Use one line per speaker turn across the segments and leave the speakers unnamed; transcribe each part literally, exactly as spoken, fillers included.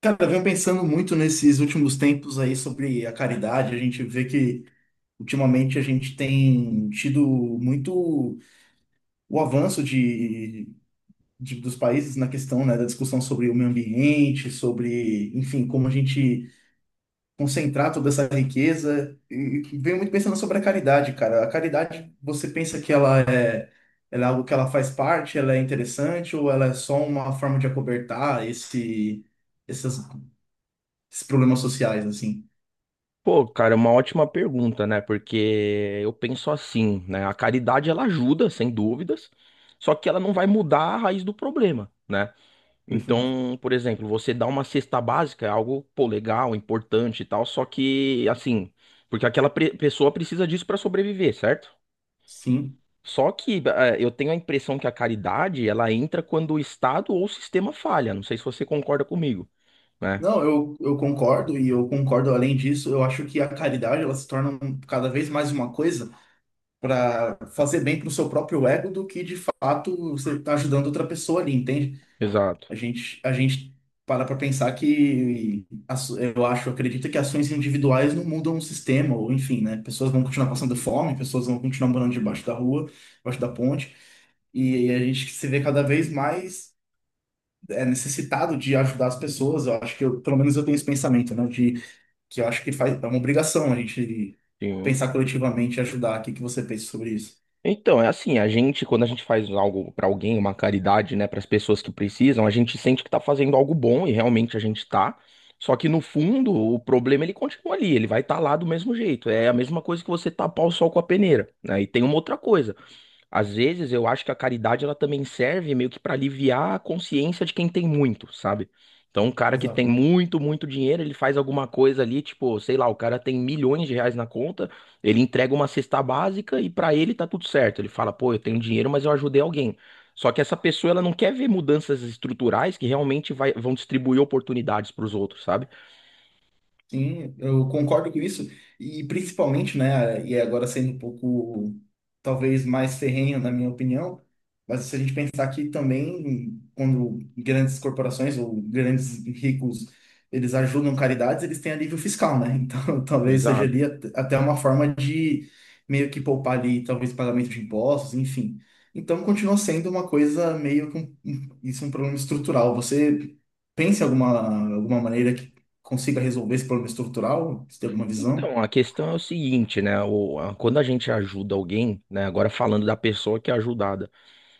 Cara, eu venho pensando muito nesses últimos tempos aí sobre a caridade. A gente vê que ultimamente a gente tem tido muito o avanço de, de- dos países na questão, né, da discussão sobre o meio ambiente, sobre, enfim, como a gente concentrar toda essa riqueza. E e venho muito pensando sobre a caridade, cara. A caridade, você pensa que ela é, ela é algo que ela faz parte, ela é interessante ou ela é só uma forma de acobertar esse, essas- esses problemas sociais, assim?
Pô, cara, é uma ótima pergunta, né? Porque eu penso assim, né? A caridade ela ajuda, sem dúvidas, só que ela não vai mudar a raiz do problema, né?
Perfeito.
Então, por exemplo, você dá uma cesta básica, é algo, pô, legal, importante e tal, só que, assim, porque aquela pre- pessoa precisa disso pra sobreviver, certo?
Sim.
Só que eh, eu tenho a impressão que a caridade ela entra quando o Estado ou o sistema falha. Não sei se você concorda comigo, né?
Não, eu, eu concordo e eu concordo além disso, eu acho que a caridade ela se torna um- cada vez mais uma coisa para fazer bem para o seu próprio ego do que de fato você está ajudando outra pessoa ali, entende?
Exato.
A gente, a gente para para pensar que as- eu acho, acredito que ações individuais não mudam o sistema, ou enfim, né? Pessoas vão continuar passando fome, pessoas vão continuar morando debaixo da rua, debaixo da ponte, e, a gente se vê cada vez mais é, necessitado de ajudar as pessoas. Eu acho que eu, pelo menos eu tenho esse pensamento, né? De que eu acho que faz, é uma obrigação a gente
Sim.
pensar coletivamente e ajudar. O que que você pensa sobre isso?
Então, é assim, a gente, quando a gente faz algo pra alguém, uma caridade, né, pras pessoas que precisam, a gente sente que tá fazendo algo bom e realmente a gente tá. Só que no fundo, o problema ele continua ali, ele vai estar lá do mesmo jeito. É a mesma coisa que você tapar o sol com a peneira, né? E tem uma outra coisa. Às vezes eu acho que a caridade ela também serve meio que para aliviar a consciência de quem tem muito, sabe? Então, um cara que tem muito, muito dinheiro, ele faz alguma coisa ali, tipo, sei lá, o cara tem milhões de reais na conta, ele entrega uma cesta básica e para ele tá tudo certo. Ele fala, pô, eu tenho dinheiro, mas eu ajudei alguém. Só que essa pessoa, ela não quer ver mudanças estruturais que realmente vai- vão distribuir oportunidades para os outros, sabe?
Sim, eu concordo com isso. E principalmente, né, e agora sendo um pouco, talvez, mais ferrenho, na minha opinião, mas se a gente pensar que também, quando grandes corporações ou grandes ricos, eles ajudam caridades, eles têm alívio fiscal, né? Então, talvez seja
Exato.
ali at- até uma forma de meio que poupar ali, talvez, pagamento de impostos, enfim. Então, continua sendo uma coisa meio que um, um- isso é um problema estrutural. Você pensa em alguma, alguma maneira consiga resolver esse problema estrutural? Você tem alguma visão?
Então, a questão é o seguinte, né? O- a- quando a gente ajuda alguém, né? Agora falando da pessoa que é ajudada.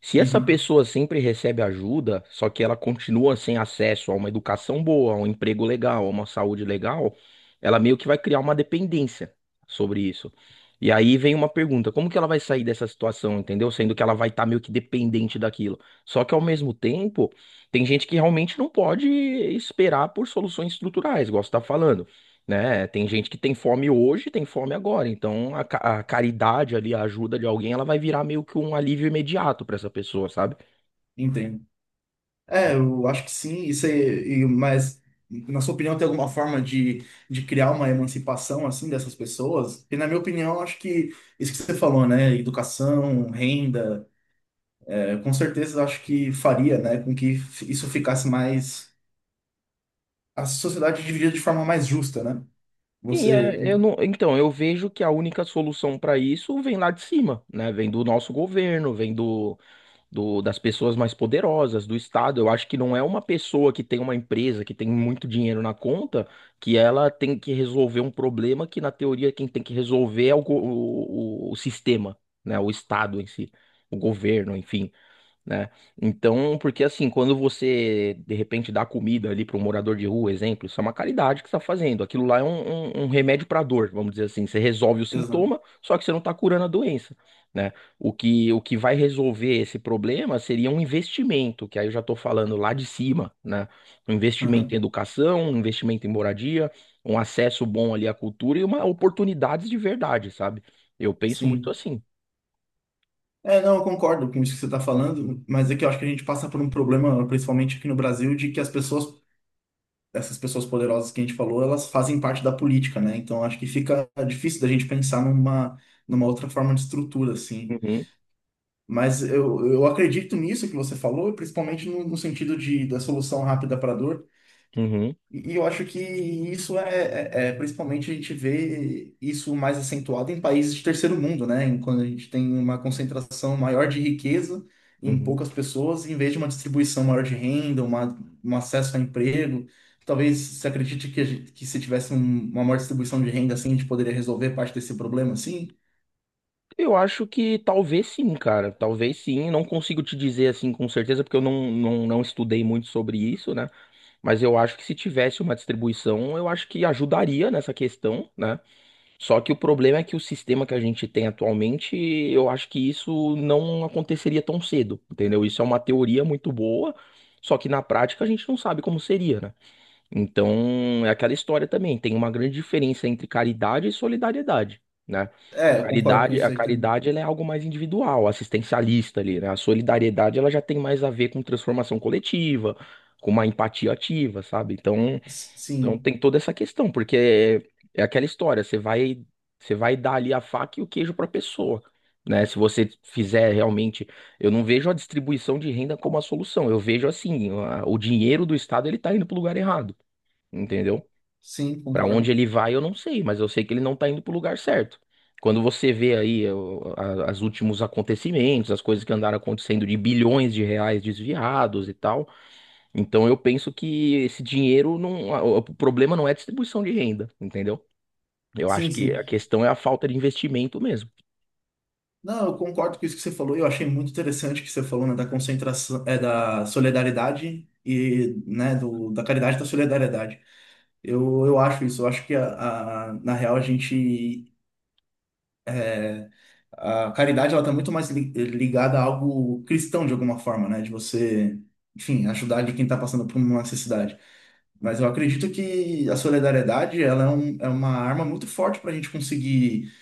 Se essa
Uhum,
pessoa sempre recebe ajuda, só que ela continua sem acesso a uma educação boa, a um emprego legal, a uma saúde legal, ela meio que vai criar uma dependência sobre isso. E aí vem uma pergunta: como que ela vai sair dessa situação, entendeu? Sendo que ela vai estar meio que dependente daquilo. Só que ao mesmo tempo, tem gente que realmente não pode esperar por soluções estruturais, igual você está falando, né? Tem gente que tem fome hoje, tem fome agora. Então a, ca- a caridade ali, a ajuda de alguém, ela vai virar meio que um alívio imediato pra essa pessoa, sabe?
entendo. É, eu acho que sim, isso aí, e- mas na sua opinião tem alguma forma de, de criar uma emancipação assim dessas pessoas? E na minha opinião, eu acho que isso que você falou, né, educação, renda, é, com certeza eu acho que faria, né, com que f- isso ficasse mais a sociedade dividida de forma mais justa, né?
E
Você,
é, eu não, então eu vejo que a única solução pra isso vem lá de cima, né? Vem do nosso governo, vem do, do das pessoas mais poderosas, do Estado. Eu acho que não é uma pessoa que tem uma empresa que tem muito dinheiro na conta que ela tem que resolver um problema que na teoria quem tem que resolver é o, go- o, o o sistema, né? O Estado em si, o governo, enfim, né? Então, porque assim, quando você de repente dá comida ali para um morador de rua, exemplo, isso é uma caridade que você está fazendo. Aquilo lá é um, um- um remédio para dor, vamos dizer assim. Você resolve o
exato.
sintoma, só que você não está curando a doença, né? O que, o que vai resolver esse problema seria um investimento, que aí eu já estou falando lá de cima, né? Um investimento em
Uhum,
educação, um investimento em moradia, um acesso bom ali à cultura e uma oportunidades de verdade, sabe? Eu penso muito
sim.
assim.
É, não, eu concordo com isso que você está falando, mas é que eu acho que a gente passa por um problema, principalmente aqui no Brasil, de que as pessoas, essas pessoas poderosas que a gente falou, elas fazem parte da política, né? Então acho que fica difícil da gente pensar numa, numa outra forma de estrutura, assim.
Uhum,
Mas eu, eu acredito nisso que você falou, principalmente no, no sentido de, da solução rápida para a dor.
uhum,
E e eu acho que isso é, é- é- principalmente a gente vê isso mais acentuado em países de terceiro mundo, né? Em- Quando a gente tem uma concentração maior de riqueza em
uhum.
poucas pessoas, em vez de uma distribuição maior de renda, uma, um acesso a emprego. Talvez se acredite que, a gente- que se tivesse um- uma maior distribuição de renda assim, a gente poderia resolver parte desse problema, sim.
Eu acho que talvez sim, cara. Talvez sim. Não consigo te dizer assim com certeza, porque eu não, não, não estudei muito sobre isso, né? Mas eu acho que se tivesse uma distribuição, eu acho que ajudaria nessa questão, né? Só que o problema é que o sistema que a gente tem atualmente, eu acho que isso não aconteceria tão cedo, entendeu? Isso é uma teoria muito boa, só que na prática a gente não sabe como seria, né? Então, é aquela história também, tem uma grande diferença entre caridade e solidariedade, né? A
É, eu concordo com
caridade, a
isso aí também.
caridade ela é algo mais individual, assistencialista ali, né? A solidariedade ela já tem mais a ver com transformação coletiva, com uma empatia ativa, sabe? Então,
S-
então
Sim,
tem toda essa questão, porque é, é aquela história, você vai você vai dar ali a faca e o queijo para a pessoa. Né, se você fizer realmente, eu não vejo a distribuição de renda como a solução. Eu vejo assim, a- o dinheiro do Estado ele está indo para o lugar errado, entendeu?
sim,
Pra onde
concordo.
ele vai, eu não sei, mas eu sei que ele não tá indo pro lugar certo. Quando você vê aí o- a- as últimos acontecimentos, as coisas que andaram acontecendo de bilhões de reais desviados e tal, então eu penso que esse dinheiro não, a- o problema não é a distribuição de renda, entendeu? Eu acho
Sim,
que
sim.
a questão é a falta de investimento mesmo.
Não, eu concordo com isso que você falou. Eu achei muito interessante o que você falou, né, da concentração, é, da solidariedade e, né, do, da caridade e da solidariedade. Eu, eu acho isso. Eu acho que, a, a- na real, a gente é, a caridade ela está muito mais li- ligada a algo cristão de alguma forma, né? De você, enfim, ajudar de quem está passando por uma necessidade. Mas eu acredito que a solidariedade ela é, um- é uma arma muito forte para a gente conseguir,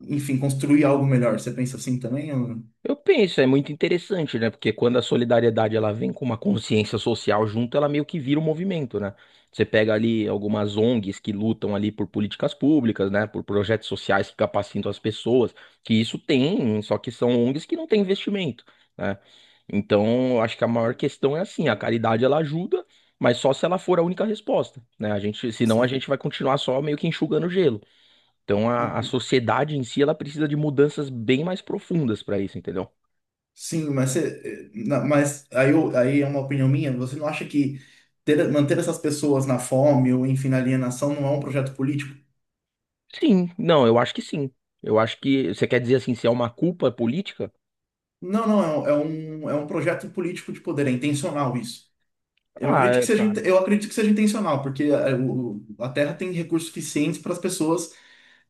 enfim, construir algo melhor. Você pensa assim também? Ou-
Eu penso, é muito interessante, né? Porque quando a solidariedade ela vem com uma consciência social junto, ela meio que vira um movimento, né? Você pega ali algumas ONGs que lutam ali por políticas públicas, né? Por projetos sociais que capacitam as pessoas, que isso tem, só que são ONGs que não têm investimento, né? Então, eu acho que a maior questão é assim, a caridade ela ajuda, mas só se ela for a única resposta, né? A gente, senão a
Sim.
gente vai continuar só meio que enxugando gelo. Então, a, a sociedade em si ela precisa de mudanças bem mais profundas para isso, entendeu?
Sim, mas, você, eh, na- mas aí, eu- aí é uma opinião minha. Você não acha que ter- manter essas pessoas na fome ou, enfim, na alienação não é um projeto político?
Sim, não, eu acho que sim. Eu acho que você quer dizer assim, se é uma culpa política?
Não, não, é, um, é um é um projeto político de poder, é intencional isso. Eu
Ah,
acredito que
é,
seja,
cara,
inte- eu acredito que seja intencional, porque eh, o- a Terra tem recursos suficientes para as pessoas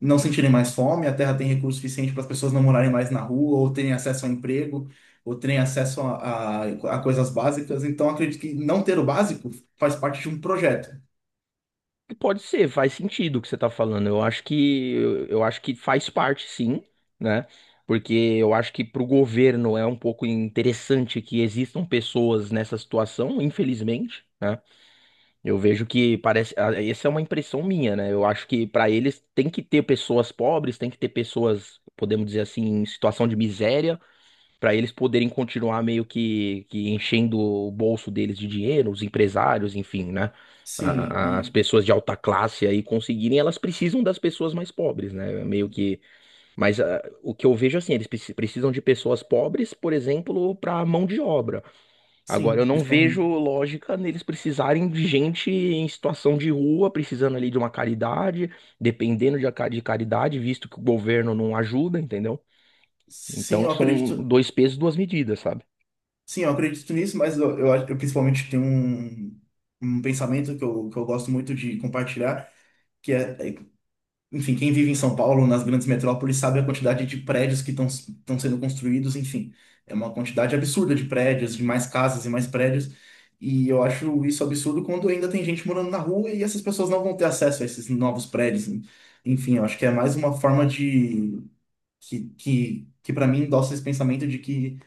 não sentirem mais fome, a Terra tem recursos suficientes para as pessoas não morarem mais na rua, ou terem acesso a emprego, ou terem acesso a, a a coisas básicas. Então, acredito que não ter o básico faz parte de um projeto.
pode ser, faz sentido o que você tá falando. Eu acho que eu acho que faz parte, sim, né? Porque eu acho que pro governo é um pouco interessante que existam pessoas nessa situação, infelizmente, né? Eu vejo que parece, ah, essa é uma impressão minha, né? Eu acho que para eles tem que ter pessoas pobres, tem que ter pessoas, podemos dizer assim, em situação de miséria. Pra eles poderem continuar meio que, que enchendo o bolso deles de dinheiro, os empresários, enfim, né?
Sim,
A- a- As
e
pessoas de alta classe aí conseguirem, elas precisam das pessoas mais pobres, né? Meio que. Mas ah, o que eu vejo assim, eles preci- precisam de pessoas pobres, por exemplo, para mão de obra. Agora, eu
sim,
não vejo
principalmente.
lógica neles precisarem de gente em situação de rua, precisando ali de uma caridade, dependendo de, a ca- de caridade, visto que o governo não ajuda, entendeu?
Sim,
Então,
eu
são
acredito.
dois pesos, duas medidas, sabe?
Sim, eu acredito nisso, mas eu, eu, acho- eu principalmente tenho um, um pensamento que eu, que eu gosto muito de compartilhar, que é, é, enfim, quem vive em São Paulo, nas grandes metrópoles, sabe a quantidade de prédios que estão estão sendo construídos, enfim. É uma quantidade absurda de prédios, de mais casas e mais prédios. E eu acho isso absurdo quando ainda tem gente morando na rua e essas pessoas não vão ter acesso a esses novos prédios. Enfim, eu acho que é mais uma forma de que, que, que para mim endossa esse pensamento de que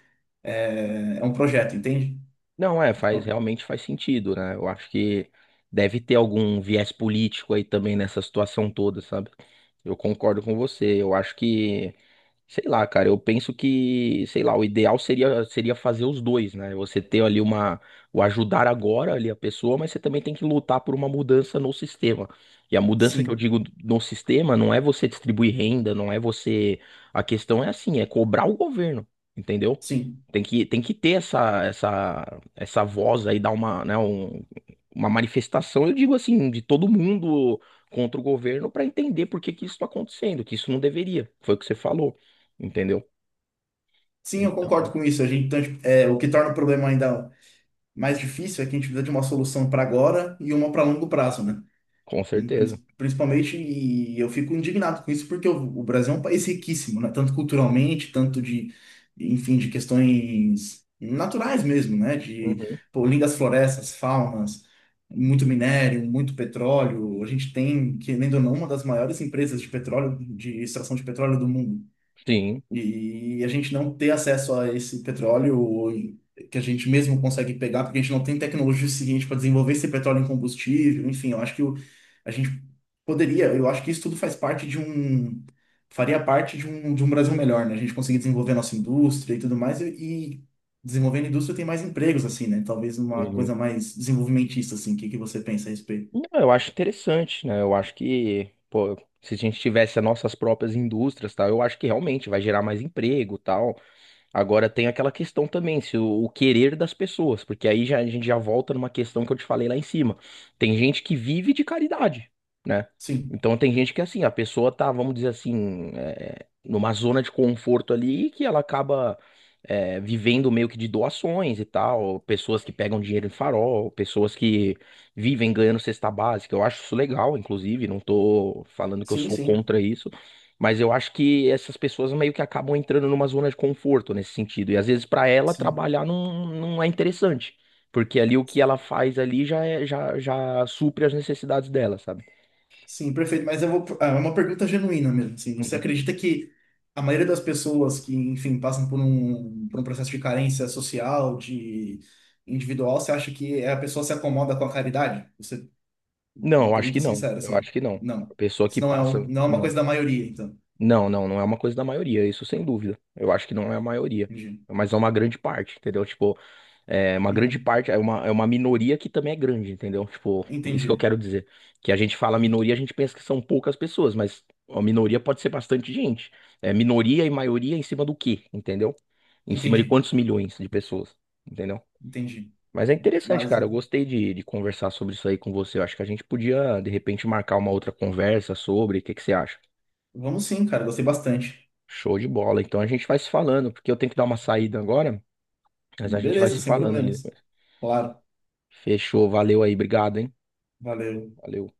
é, é um projeto, entende?
Não, é, faz,
Então,
realmente faz sentido, né? Eu acho que deve ter algum viés político aí também nessa situação toda, sabe? Eu concordo com você. Eu acho que, sei lá, cara, eu penso que, sei lá, o ideal seria seria fazer os dois, né? Você ter ali uma, o ajudar agora ali a pessoa, mas você também tem que lutar por uma mudança no sistema. E a mudança que eu
sim,
digo no sistema não é você distribuir renda, não é você. A questão é assim, é cobrar o governo, entendeu?
sim.
Tem que, tem que ter essa, essa, essa voz aí, dar uma, né, um- uma manifestação, eu digo assim, de todo mundo contra o governo para entender por que que isso está acontecendo, que isso não deveria. Foi o que você falou, entendeu?
Sim, eu
Então,
concordo com isso. A gente, então, tipo, é, o que torna o problema ainda mais difícil é que a gente precisa de uma solução para agora e uma para longo prazo, né?
com certeza.
Principalmente, e eu fico indignado com isso, porque o o Brasil é um país riquíssimo, né? Tanto culturalmente, tanto de, enfim, de questões naturais mesmo, né? De,
Uhum.
pô, lindas florestas, faunas, muito minério, muito petróleo. A gente tem, querendo ou não, uma das maiores empresas de petróleo, de extração de petróleo do mundo.
Sim.
E a gente não ter acesso a esse petróleo que a gente mesmo consegue pegar, porque a gente não tem tecnologia suficiente para desenvolver esse petróleo em combustível. Enfim, eu acho que o- a gente poderia, eu acho que isso tudo faz parte de um, faria parte de um, de um Brasil melhor, né? A gente conseguir desenvolver a nossa indústria e tudo mais, e, e desenvolvendo a indústria tem mais empregos, assim, né? Talvez uma
Uhum.
coisa mais desenvolvimentista, assim. O que que você pensa a respeito?
Não, eu acho interessante, né? Eu acho que, pô, se a gente tivesse as nossas próprias indústrias, tal, eu acho que realmente vai gerar mais emprego, tal. Agora tem aquela questão também, se o, o querer das pessoas, porque aí já, a gente já volta numa questão que eu te falei lá em cima. Tem gente que vive de caridade, né?
Sim,
Então tem gente que assim, a pessoa tá, vamos dizer assim, é, numa zona de conforto ali que ela acaba, é, vivendo meio que de doações e tal, pessoas que pegam dinheiro em farol, pessoas que vivem ganhando cesta básica. Eu acho isso legal, inclusive, não tô falando que eu
sim,
sou
sim,
contra isso. Mas eu acho que essas pessoas meio que acabam entrando numa zona de conforto nesse sentido. E às vezes para ela
sim.
trabalhar não, não é interessante. Porque ali o que ela faz ali já, é- já, já supre as necessidades dela, sabe?
Sim, perfeito. Mas eu vou. Ah, é uma pergunta genuína mesmo. Assim. Você
Uhum.
acredita que a maioria das pessoas que, enfim, passam por um, por um processo de carência social, de individual, você acha que a pessoa se acomoda com a caridade? Você,
Não,
uma
eu acho que
pergunta
não.
sincera,
Eu
assim.
acho que não.
Não.
A pessoa
Isso
que
não é, um-
passa.
não é uma
Não.
coisa da maioria, então.
Não, não, não é uma coisa da maioria, isso sem dúvida. Eu acho que não é a maioria,
Entendi.
mas é uma grande parte, entendeu? Tipo, é uma grande
Uhum.
parte, é uma, é uma minoria que também é grande, entendeu? Tipo, isso que eu
Entendi.
quero dizer. Que a gente fala
Entendi.
minoria, a gente pensa que são poucas pessoas, mas a minoria pode ser bastante gente. É minoria e maioria em cima do quê, entendeu? Em cima de
Entendi.
quantos milhões de pessoas, entendeu?
Entendi.
Mas é interessante,
Mas
cara. Eu gostei de, de conversar sobre isso aí com você. Eu acho que a gente podia, de repente, marcar uma outra conversa sobre. O que que você acha?
vamos sim, cara. Gostei bastante.
Show de bola. Então a gente vai se falando, porque eu tenho que dar uma saída agora, mas a gente vai
Beleza,
se
sem
falando ali.
problemas.
Depois.
Claro.
Fechou, valeu aí, obrigado, hein?
Valeu.
Valeu.